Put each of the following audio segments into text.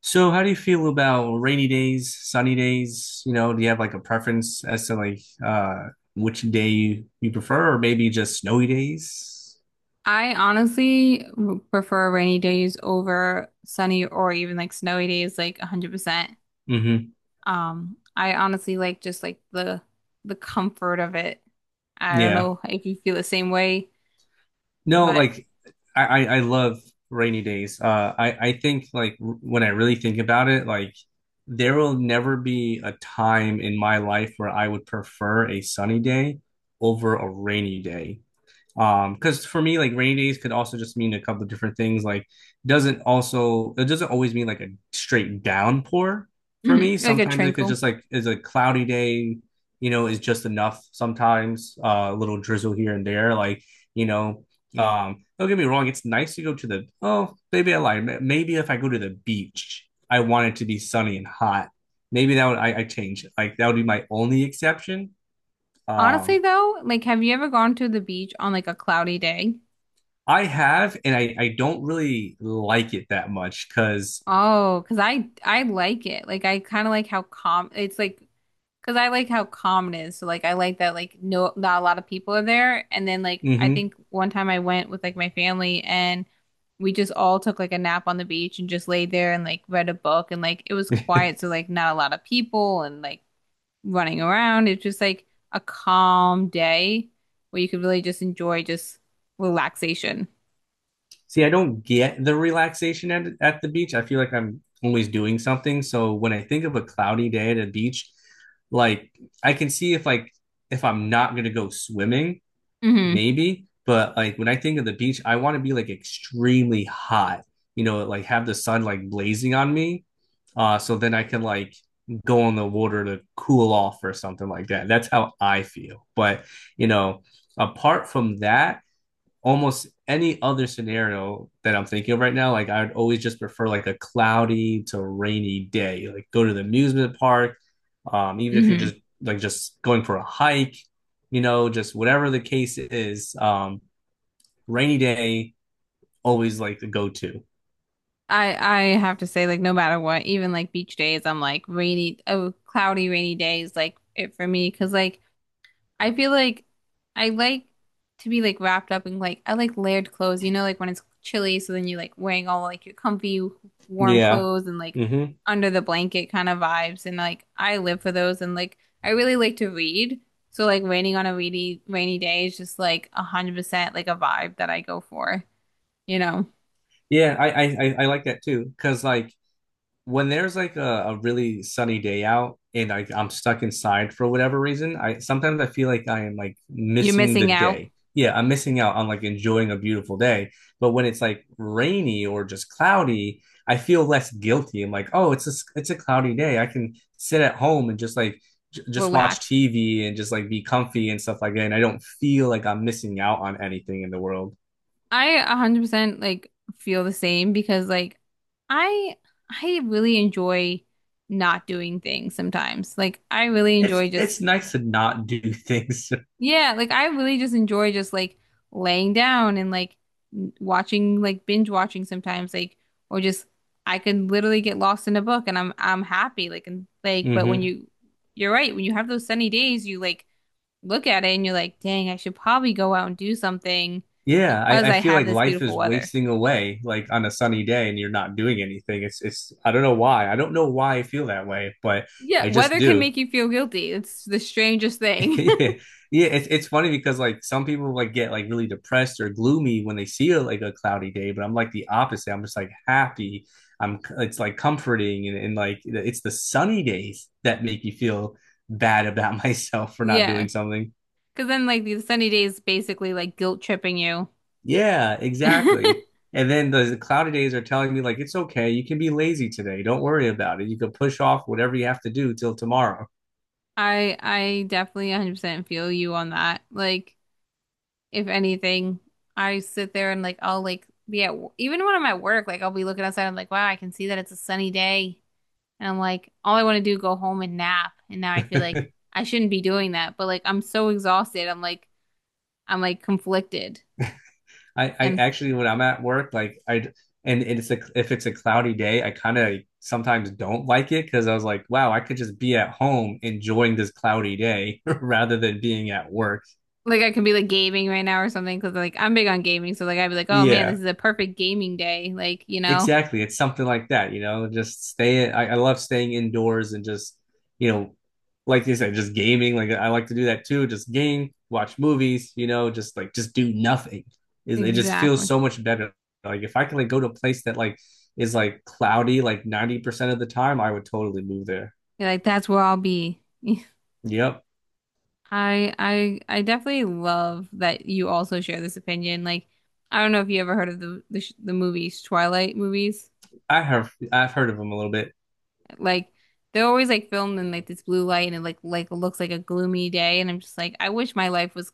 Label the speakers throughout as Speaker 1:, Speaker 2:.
Speaker 1: So, how do you feel about rainy days, sunny days? You know, do you have like a preference as to like which day you prefer, or maybe just snowy days?
Speaker 2: I honestly prefer rainy days over sunny or even like snowy days, like 100%.
Speaker 1: Mm-hmm.
Speaker 2: I honestly like just like the comfort of it. I don't
Speaker 1: Yeah.
Speaker 2: know if you feel the same way,
Speaker 1: No,
Speaker 2: but
Speaker 1: like I love rainy days. I think like when I really think about it, like there will never be a time in my life where I would prefer a sunny day over a rainy day. Because for me, like, rainy days could also just mean a couple of different things, like doesn't also it doesn't always mean like a straight downpour. For me
Speaker 2: mhm, like a
Speaker 1: sometimes it could
Speaker 2: tranquil.
Speaker 1: just like is a cloudy day, is just enough sometimes, a little drizzle here and there like you know Yeah. Don't get me wrong, it's nice to go to the, oh maybe I lied. Maybe if I go to the beach, I want it to be sunny and hot. Maybe that would I change it, like that would be my only exception. um
Speaker 2: Honestly though, like have you ever gone to the beach on like a cloudy day?
Speaker 1: I have, and I don't really like it that much because.
Speaker 2: Oh, because I like it. Like I kind of like how calm it's like because I like how calm it is. So like I like that like no not a lot of people are there. And then like I
Speaker 1: Mm-hmm.
Speaker 2: think one time I went with like my family and we just all took like a nap on the beach and just laid there and like read a book and like it was quiet. So like not a lot of people and like running around. It's just like a calm day where you could really just enjoy just relaxation.
Speaker 1: See, I don't get the relaxation at the beach. I feel like I'm always doing something. So when I think of a cloudy day at a beach, like, I can see if, like, if I'm not gonna go swimming,
Speaker 2: Mm-hmm.
Speaker 1: maybe. But like when I think of the beach, I want to be like extremely hot, you know, like have the sun like blazing on me, so then I can like go in the water to cool off or something like that. That's how I feel. But you know, apart from that, almost any other scenario that I'm thinking of right now, like I would always just prefer like a cloudy to rainy day. Like go to the amusement park, even if you're
Speaker 2: Mm-hmm.
Speaker 1: just like just going for a hike, just whatever the case is. Rainy day always like the go to.
Speaker 2: I I have to say, like, no matter what, even like beach days, I'm like rainy, oh, cloudy, rainy days, like it for me, because like I feel like I like to be like wrapped up in like I like layered clothes, you know, like when it's chilly, so then you're like wearing all like your comfy, warm
Speaker 1: Yeah.
Speaker 2: clothes and like
Speaker 1: Hmm.
Speaker 2: under the blanket kind of vibes, and like I live for those, and like I really like to read, so like raining on a rainy day is just like 100% like a vibe that I go for, you know,
Speaker 1: Yeah, I like that too because like when there's like a really sunny day out, and I'm stuck inside for whatever reason, I sometimes I feel like I am like
Speaker 2: you're
Speaker 1: missing the
Speaker 2: missing out,
Speaker 1: day. Yeah, I'm missing out on like enjoying a beautiful day. But when it's like rainy or just cloudy, I feel less guilty. I'm like, oh, it's a it's a cloudy day. I can sit at home and just like j just watch
Speaker 2: relax.
Speaker 1: TV and just like be comfy and stuff like that. And I don't feel like I'm missing out on anything in the world.
Speaker 2: I 100% like feel the same because like I I really enjoy not doing things sometimes. Like I really
Speaker 1: It's
Speaker 2: enjoy just
Speaker 1: it's nice to not do things.
Speaker 2: yeah, like I really just enjoy just like laying down and like watching like binge watching sometimes like or just I can literally get lost in a book and I'm happy like and like but when
Speaker 1: hmm.
Speaker 2: you you're right, when you have those sunny days, you like look at it and you're like, "Dang, I should probably go out and do something
Speaker 1: Yeah,
Speaker 2: because
Speaker 1: I
Speaker 2: I
Speaker 1: feel
Speaker 2: have
Speaker 1: like
Speaker 2: this
Speaker 1: life
Speaker 2: beautiful
Speaker 1: is
Speaker 2: weather."
Speaker 1: wasting away like on a sunny day and you're not doing anything. It's I don't know why. I don't know why I feel that way, but
Speaker 2: Yeah,
Speaker 1: I just
Speaker 2: weather can
Speaker 1: do.
Speaker 2: make you feel guilty. It's the strangest thing.
Speaker 1: Yeah. Yeah, it's funny because like some people like get like really depressed or gloomy when they see like a cloudy day, but I'm like the opposite. I'm just like happy. I'm It's like comforting, and like it's the sunny days that make you feel bad about myself for not
Speaker 2: Yeah,
Speaker 1: doing something.
Speaker 2: because then like the sunny days basically like guilt tripping you.
Speaker 1: Yeah,
Speaker 2: I
Speaker 1: exactly. And then the cloudy days are telling me, like, it's okay. You can be lazy today. Don't worry about it. You can push off whatever you have to do till tomorrow.
Speaker 2: I definitely 100% feel you on that. Like if anything, I sit there and like I'll like be at even when I'm at work, like I'll be looking outside. I'm like, wow, I can see that it's a sunny day, and I'm like, all I want to do is go home and nap. And now I feel like I shouldn't be doing that, but like I'm so exhausted. I'm like conflicted,
Speaker 1: I
Speaker 2: and
Speaker 1: actually, when I'm at work, like, and if it's a cloudy day, I kind of sometimes don't like it because I was like, wow, I could just be at home enjoying this cloudy day rather than being at work.
Speaker 2: like I could be like gaming right now or something because like I'm big on gaming, so like I'd be like, oh man, this
Speaker 1: Yeah,
Speaker 2: is a perfect gaming day. Like, you know,
Speaker 1: exactly. It's something like that, just stay. I love staying indoors and just, you know, like you said, just gaming. Like I like to do that too. Just game, watch movies, just like just do nothing. It just feels
Speaker 2: exactly.
Speaker 1: so much better. Like if I can like go to a place that like is like cloudy like 90% of the time, I would totally move there.
Speaker 2: You're like that's where I'll be.
Speaker 1: Yep.
Speaker 2: I definitely love that you also share this opinion. Like, I don't know if you ever heard of the the movies, Twilight movies.
Speaker 1: I've heard of them a little bit.
Speaker 2: Like, they're always like filmed in like this blue light and it like looks like a gloomy day, and I'm just like, I wish my life was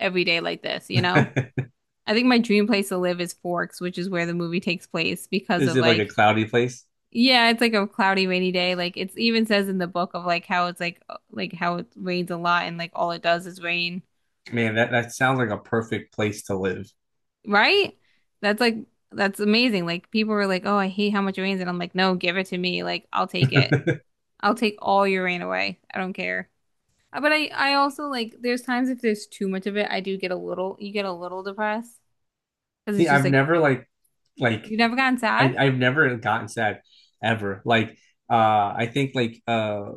Speaker 2: every day like this, you know? I think my dream place to live is Forks, which is where the movie takes place because
Speaker 1: Is
Speaker 2: of
Speaker 1: it like a
Speaker 2: like
Speaker 1: cloudy place?
Speaker 2: yeah, it's like a cloudy, rainy day. Like it's even says in the book of like how it's like how it rains a lot and like all it does is rain,
Speaker 1: Man, that sounds like a perfect place to live.
Speaker 2: right? That's like that's amazing. Like people were like, "Oh, I hate how much it rains," and I'm like, "No, give it to me. Like I'll take it. I'll take all your rain away. I don't care." But I also like there's times if there's too much of it, I do get a little you get a little depressed because
Speaker 1: See,
Speaker 2: it's just
Speaker 1: I've
Speaker 2: like
Speaker 1: never like
Speaker 2: you've never gotten sad.
Speaker 1: I've never gotten sad ever. Like uh I think like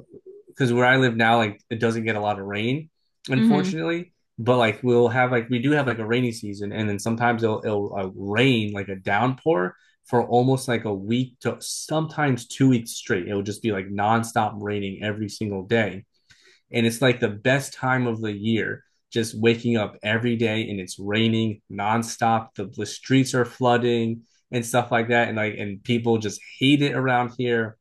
Speaker 1: because where I live now, like it doesn't get a lot of rain,
Speaker 2: Mm-hmm.
Speaker 1: unfortunately. But like we'll have, like, we do have like a rainy season, and then sometimes it'll rain like a downpour for almost like a week to sometimes 2 weeks straight. It'll just be like nonstop raining every single day. And it's like the best time of the year, just waking up every day and it's raining nonstop. The streets are flooding and stuff like that, and, like, and people just hate it around here.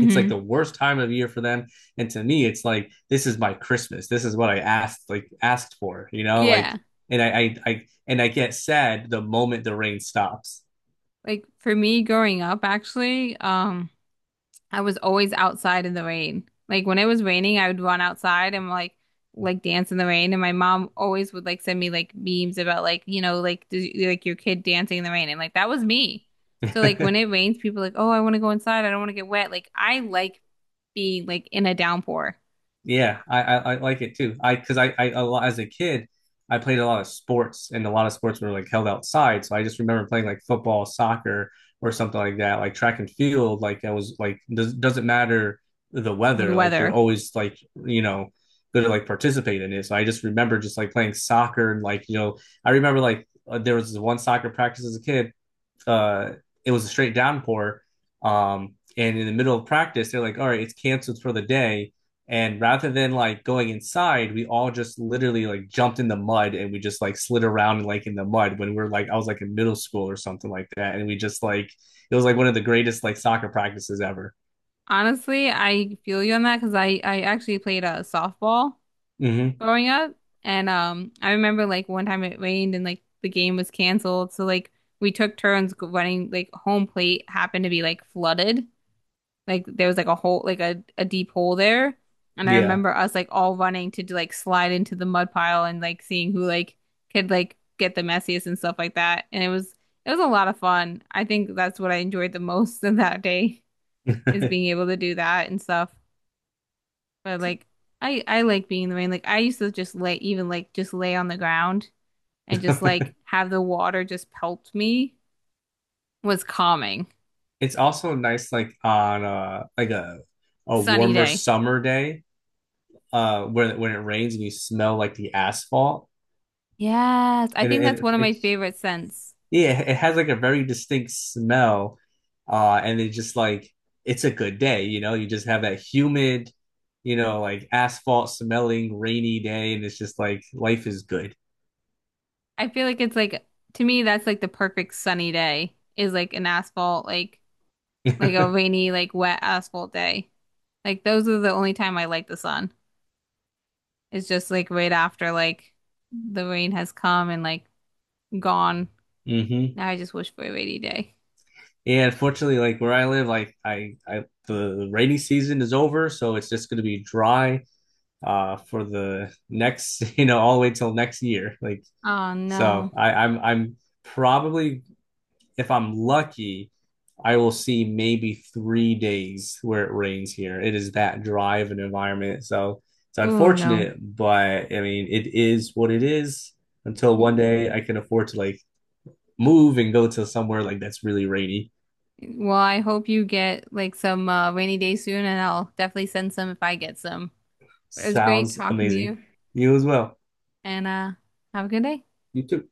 Speaker 1: It's like the worst time of year for them, and to me it's like, this is my Christmas. This is what I asked for.
Speaker 2: Yeah.
Speaker 1: and i i, I and I get sad the moment the rain stops.
Speaker 2: Like for me growing up, actually. I was always outside in the rain. Like when it was raining, I would run outside and like dance in the rain. And my mom always would like send me like memes about like you know like does, like your kid dancing in the rain. And like that was me. So like when it rains, people are like oh I want to go inside. I don't want to get wet. Like I like being like in a downpour
Speaker 1: Yeah, I like it too. I because I a lot as a kid, I played a lot of sports, and a lot of sports were like held outside. So I just remember playing like football, soccer, or something like that, like track and field. Like I was like, doesn't matter the
Speaker 2: with
Speaker 1: weather. Like you're
Speaker 2: weather.
Speaker 1: always like, you know good to like participate in it. So I just remember just like playing soccer and, like, I remember like, there was this one soccer practice as a kid, uh, it was a straight downpour. And in the middle of practice, they're like, all right, it's canceled for the day. And rather than like going inside, we all just literally like jumped in the mud, and we just like slid around and like in the mud, when we are like, I was like in middle school or something like that. And we just like, it was like one of the greatest like soccer practices ever.
Speaker 2: Honestly, I feel you on that because I actually played a softball
Speaker 1: Mm-hmm.
Speaker 2: growing up. And I remember like one time it rained and like the game was canceled. So like we took turns running like home plate happened to be like flooded. Like there was like a hole, like a deep hole there. And I
Speaker 1: Yeah.
Speaker 2: remember us like all running to do, like slide into the mud pile and like seeing who like could like get the messiest and stuff like that. And it was a lot of fun. I think that's what I enjoyed the most of that day is being able to do that and stuff. But like I like being in the rain. Like I used to just lay even like just lay on the ground and just like have the water just pelt me was calming.
Speaker 1: it's also nice like on like a
Speaker 2: Sunny
Speaker 1: warmer
Speaker 2: day.
Speaker 1: summer day, when it rains and you smell like the asphalt.
Speaker 2: Yes, I
Speaker 1: And
Speaker 2: think
Speaker 1: it,
Speaker 2: that's
Speaker 1: it
Speaker 2: one of my
Speaker 1: it's
Speaker 2: favorite scents.
Speaker 1: yeah, it has like a very distinct smell. And it's just like it's a good day, you know. You just have that humid, like asphalt smelling rainy day, and it's just like life is good.
Speaker 2: I feel like it's like to me that's like the perfect sunny day is like an asphalt like a rainy like wet asphalt day. Like those are the only time I like the sun. It's just like right after like the rain has come and like gone.
Speaker 1: Mm-hmm.
Speaker 2: Now I just wish for a rainy day.
Speaker 1: Yeah, unfortunately, like where I live, like I the rainy season is over, so it's just going to be dry for the next, all the way till next year. Like,
Speaker 2: Oh
Speaker 1: so
Speaker 2: no.
Speaker 1: I'm probably, if I'm lucky, I will see maybe 3 days where it rains here. It is that dry of an environment. So it's
Speaker 2: Oh no.
Speaker 1: unfortunate, but I mean, it is what it is until one
Speaker 2: W-
Speaker 1: day I can afford to like move and go to somewhere like that's really rainy.
Speaker 2: Well, I hope you get like some rainy day soon, and I'll definitely send some if I get some. But it was great
Speaker 1: Sounds
Speaker 2: talking to
Speaker 1: amazing.
Speaker 2: you,
Speaker 1: You as well.
Speaker 2: and have a good day.
Speaker 1: You too.